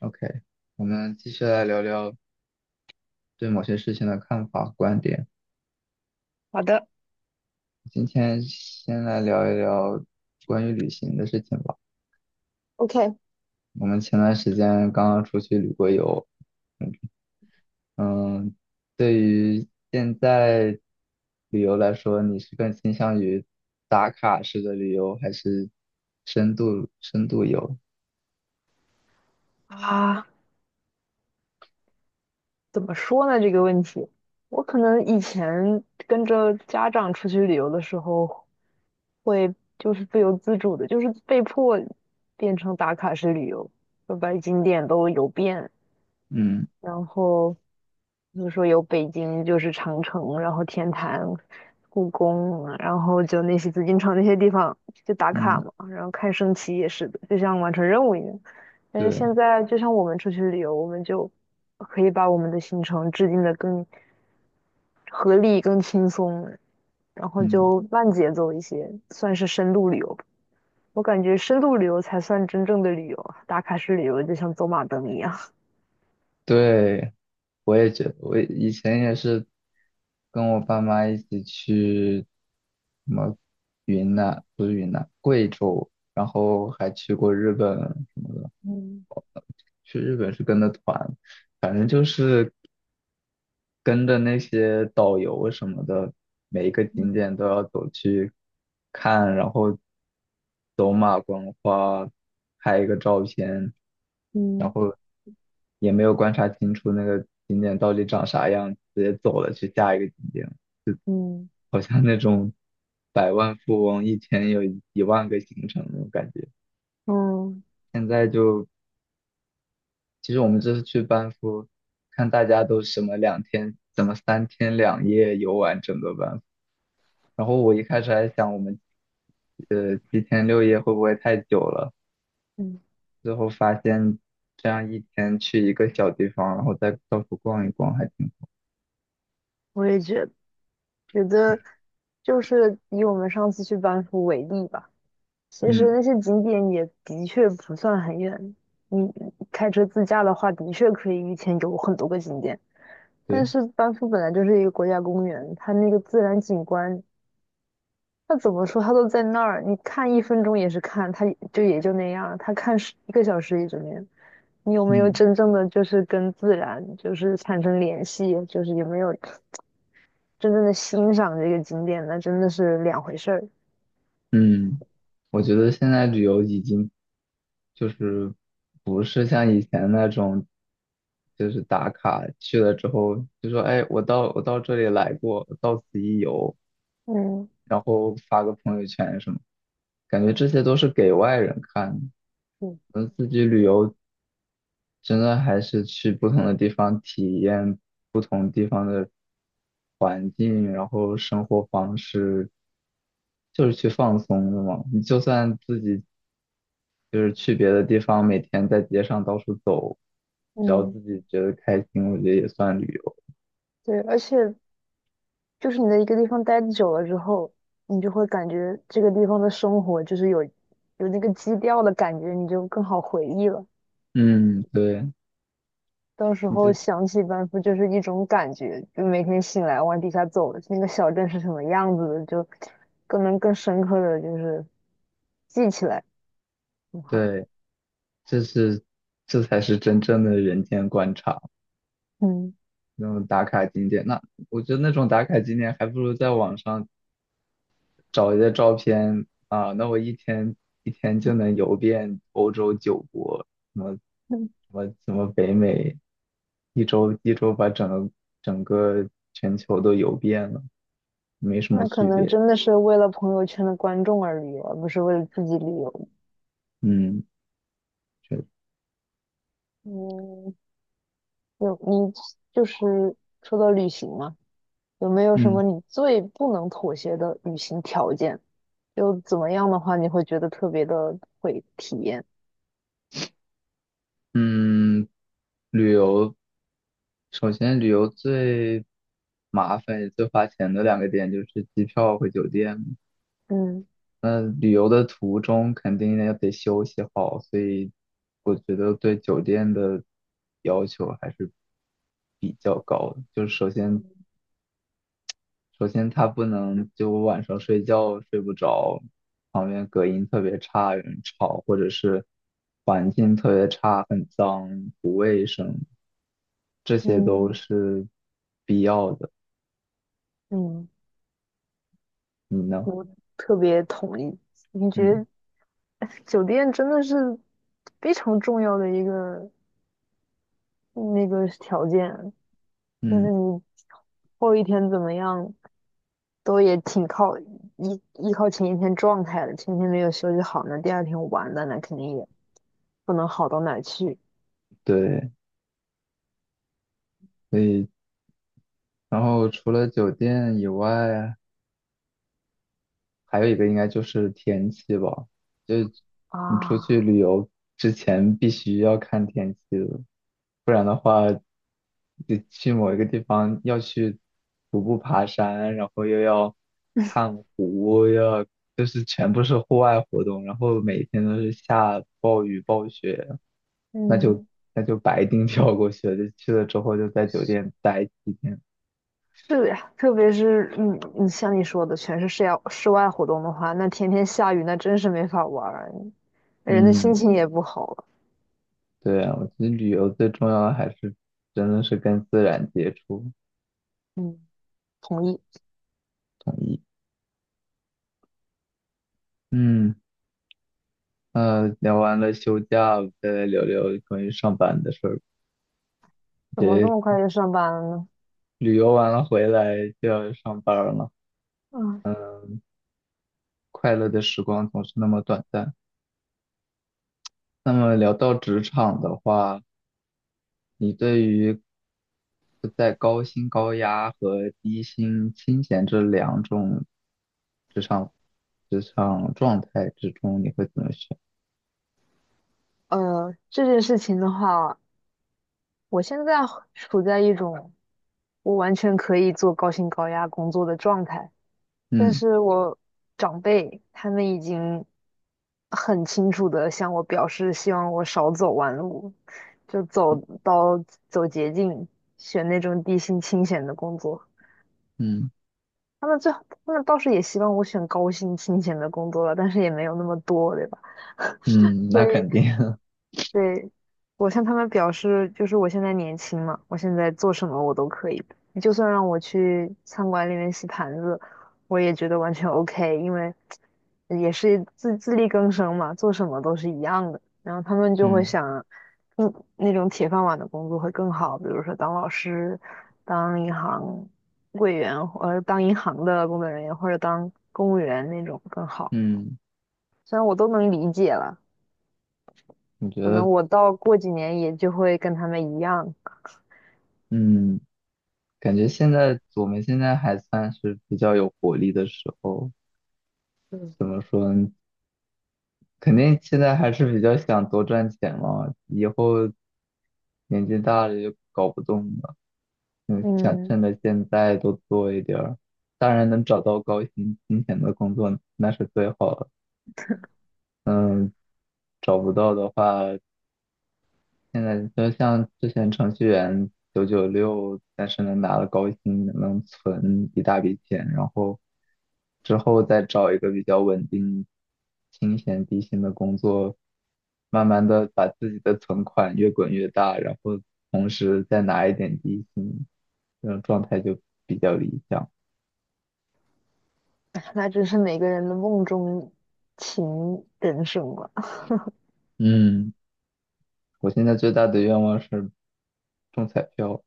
OK，我们继续来聊聊对某些事情的看法、观点。好的。 今天先来聊一聊关于旅行的事情吧。OK。我们前段时间刚刚出去旅过游，嗯，嗯对于现在旅游来说，你是更倾向于打卡式的旅游，还是深度游？啊，怎么说呢？这个问题，我可能以前跟着家长出去旅游的时候，会就是不由自主的，就是被迫变成打卡式旅游，就把景点都游遍，嗯然后比如说有北京就是长城，然后天坛、故宫，然后就那些紫禁城那些地方就打卡嗯，嘛，然后看升旗也是的，就像完成任务一样。但是对，现在就像我们出去旅游，我们就可以把我们的行程制定的更合理、更轻松，然后嗯。就慢节奏一些，算是深度旅游吧。我感觉深度旅游才算真正的旅游，打卡式旅游就像走马灯一样。对，我也觉得，我以前也是跟我爸妈一起去什么云南，不是云南，贵州，然后还去过日本，嗯去日本是跟着团，反正就是跟着那些导游什么的，每一个景嗯。点都要走去看，然后走马观花，拍一个照片，嗯也没有观察清楚那个景点到底长啥样，直接走了去下一个景点，嗯。好像那种百万富翁一天有一万个行程那种感觉。嗯现在就，其实我们这次去班夫，看大家都什么2天，怎么3天2夜游完整个班夫。然后我一开始还想我们，7天6夜会不会太久了？嗯，最后发现这样一天去一个小地方，然后再到处逛一逛，还挺，我也觉得，觉得就是以我们上次去班夫为例吧，其实嗯，那些景点也的确不算很远。你开车自驾的话，的确可以一天有很多个景点。但对，是班夫本来就是一个国家公园，它那个自然景观，它怎么说，它都在那儿，你看1分钟也是看，它就也就那样，它看11个小时也就那样。你有没有真嗯。正的就是跟自然就是产生联系？就是有没有？真正的欣赏这个景点，那真的是两回事儿。嗯，我觉得现在旅游已经就是不是像以前那种，就是打卡去了之后就说，哎，我到这里来过，到此一游，嗯然后发个朋友圈什么，感觉这些都是给外人看的。嗯我们自己旅游真的还是去不同的地方体验不同。环境，然后生活方式，就是去放松的嘛。你就算自己就是去别的地方，每天在街上到处走，只要嗯，自己觉得开心，我觉得也算旅游。对，而且就是你在一个地方待久了之后，你就会感觉这个地方的生活就是有那个基调的感觉，你就更好回忆了。嗯，对，到时你候就想起班夫就是一种感觉，就每天醒来往底下走，那个小镇是什么样子的，就更能更深刻的就是记起来，很好。对，这是这才是真正的人间观察，嗯那种打卡景点。那我觉得那种打卡景点还不如在网上找一些照片啊，那我一天就能游遍欧洲九国，什么什嗯，什么北美，一周把整个全球都游遍了，没什么那可区能别。真的是为了朋友圈的观众而旅游，而不是为了自己旅游。嗯，确实嗯，有你就是说到旅行嘛，有没有什么嗯你最不能妥协的旅行条件？就怎么样的话，你会觉得特别的会体验？嗯，旅游首先旅游最麻烦也最花钱的两个点就是机票和酒店。嗯那旅游的途中肯定也得休息好，所以我觉得对酒店的要求还是比较高的。就是首先，它不能就我晚上睡觉睡不着，旁边隔音特别差，有人吵，或者是环境特别差，很脏，不卫生，这些都嗯是必要的。嗯，你呢？我特别同意。你觉嗯得酒店真的是非常重要的一个条件，就是嗯，你后一天怎么样，都也挺靠依靠前一天状态的。前一天没有休息好呢，第二天玩的那肯定也不能好到哪去对，所以然后除了酒店以外。还有一个应该就是天气吧，就你出啊。去旅游之前必须要看天气的。你去某一个地方要去徒步爬山，然后又要看湖，又要就是全部是户外活动，然后每天都是下暴雨暴雪，那就嗯，那就白丁跳过去了。就去了之后就在酒店待几天。是的呀，特别是像你说的，全是室外活动的话，那天天下雨，那真是没法玩儿，人的心嗯，情也不好了。对啊，我觉得旅游最重要的还是真的是跟自然接触，嗯，同意。同意。嗯。聊完了休假，再来聊聊关于上班的事儿。怎么这么这快就上班了呢？旅游完了回来就要上班儿了，嗯，快乐的时光总是那么短暂。那么聊到职场的话，你对于在高薪高压和低薪清闲这两种职场职场状态之中，你会怎么选？这件事情的话，我现在处在一种我完全可以做高薪高压工作的状态，但嗯是我长辈他们已经很清楚的向我表示，希望我少走弯路，就走到走捷径，选那种低薪清闲的工作。嗯他们最，他们倒是也希望我选高薪清闲的工作了，但是也没有那么多，对吧？嗯，那所以肯定，对，我向他们表示，就是我现在年轻嘛，我现在做什么我都可以，就算让我去餐馆里面洗盘子，我也觉得完全 OK，因为也是自力更生嘛，做什么都是一样的。然后他们 就会嗯想，嗯，那种铁饭碗的工作会更好，比如说当老师、当银行柜员，当银行的工作人员或者当公务员那种更好。嗯，虽然我都能理解了。我觉可能得。我到过几年也就会跟他们一样。嗯，感觉现在我们现在还算是比较有活力的时候，嗯，怎么说呢？肯定现在还是比较想多赚钱嘛，以后年纪大了就搞不动了，嗯，想趁嗯，着现在多做一点儿。当然能找到高薪金钱的工作那是最好了，嗯，找不到的话。现在就像之前程序员996，但是能拿了高薪，能存一大笔钱，然后之后再找一个比较稳定、清闲低薪的工作，慢慢的把自己的存款越滚越大，然后同时再拿一点低薪，这种状态就比较理想。那真是每个人的梦中情人什么？嗯，我现在最大的愿望是中彩票，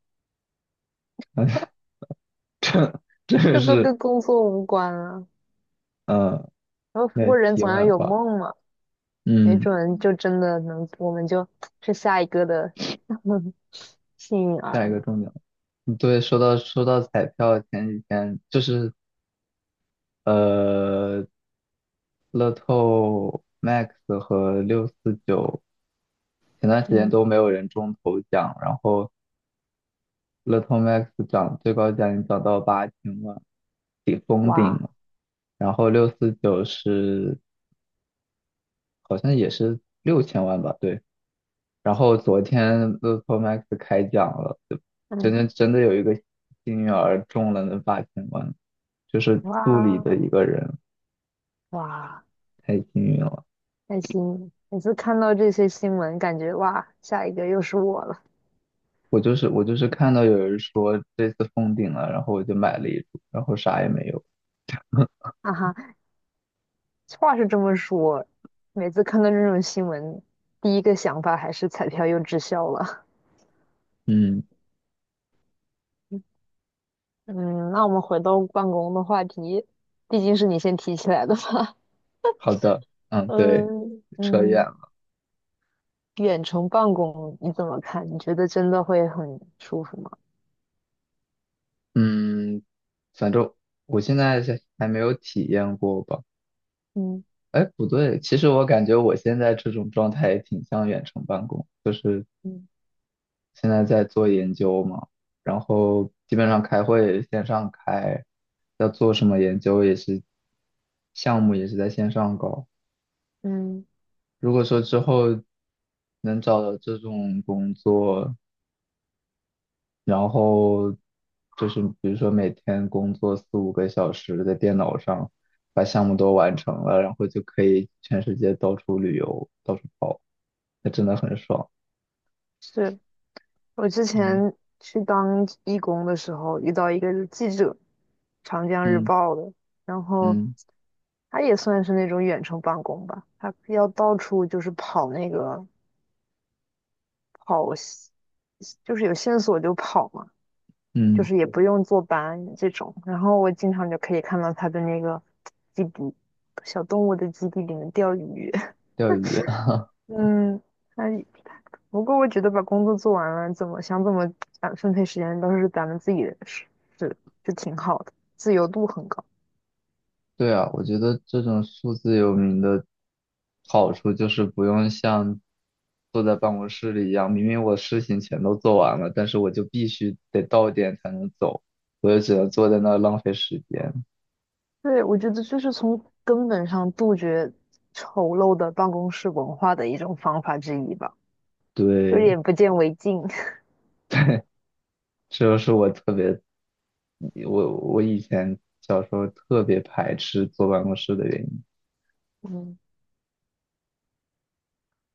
这个这都是跟工作无关啊。嗯，然后，不那过人题总要外有话，梦嘛，没嗯，准就真的能，我们就是下一个的 幸运下儿一个呢。重点。对，说到彩票，前几天就是呃，乐透 Max 和六四九，前段时间嗯，都没有人中头奖，然后乐透 Max 涨最高奖已经涨到八千万，顶封顶哇，了，然后六四九是好像也是6000万吧，对，然后昨天乐透 Max 开奖了，就真嗯，的真的有一个幸运儿中了那八千万，就是助理哇的一个人。哇，太幸运了。开心！每次看到这些新闻，感觉哇，下一个又是我了，我就是看到有人说这次封顶了，然后我就买了一株，然后啥也没有。哈哈。话是这么说，每次看到这种新闻，第一个想法还是彩票又滞销了。嗯，嗯，那我们回到办公的话题，毕竟是你先提起来的嘛。好的，嗯，对，嗯扯远嗯，了。远程办公你怎么看？你觉得真的会很舒服吗？嗯，反正我现在是还没有体验过吧。嗯哎，不对，其实我感觉我现在这种状态也挺像远程办公，就是嗯现在在做研究嘛，然后基本上开会线上开，要做什么研究也是，项目也是在线上搞。嗯如果说之后能找到这种工作，然后就是比如说每天工作四五个小时在电脑上，把项目嗯，都完成了，然后就可以全世界到处旅游，到处跑，那真的很爽。是我之嗯前去当义工的时候遇到一个记者，长江日嗯报的，然后嗯他也算是那种远程办公吧，他要到处就是跑跑线，就是有线索就跑嘛，就嗯，是也不用坐班这种。然后我经常就可以看到他的那个基地，小动物的基地里面钓鱼。钓鱼。嗯，那不过我觉得把工作做完了，怎么想怎么分配时间都是咱们自己的事，是就挺好的，自由度很高。对啊，我觉得这种数字游民的好处就是不用像坐在办公室里一样，明明我事情全都做完了，但是我就必须得到点才能走，我就只能坐在那儿浪费时间。对，我觉得就是从根本上杜绝丑陋的办公室文化的一种方法之一吧，有对，点不见为净。这就是我特别，我以前小时候特别排斥坐办公室的原因。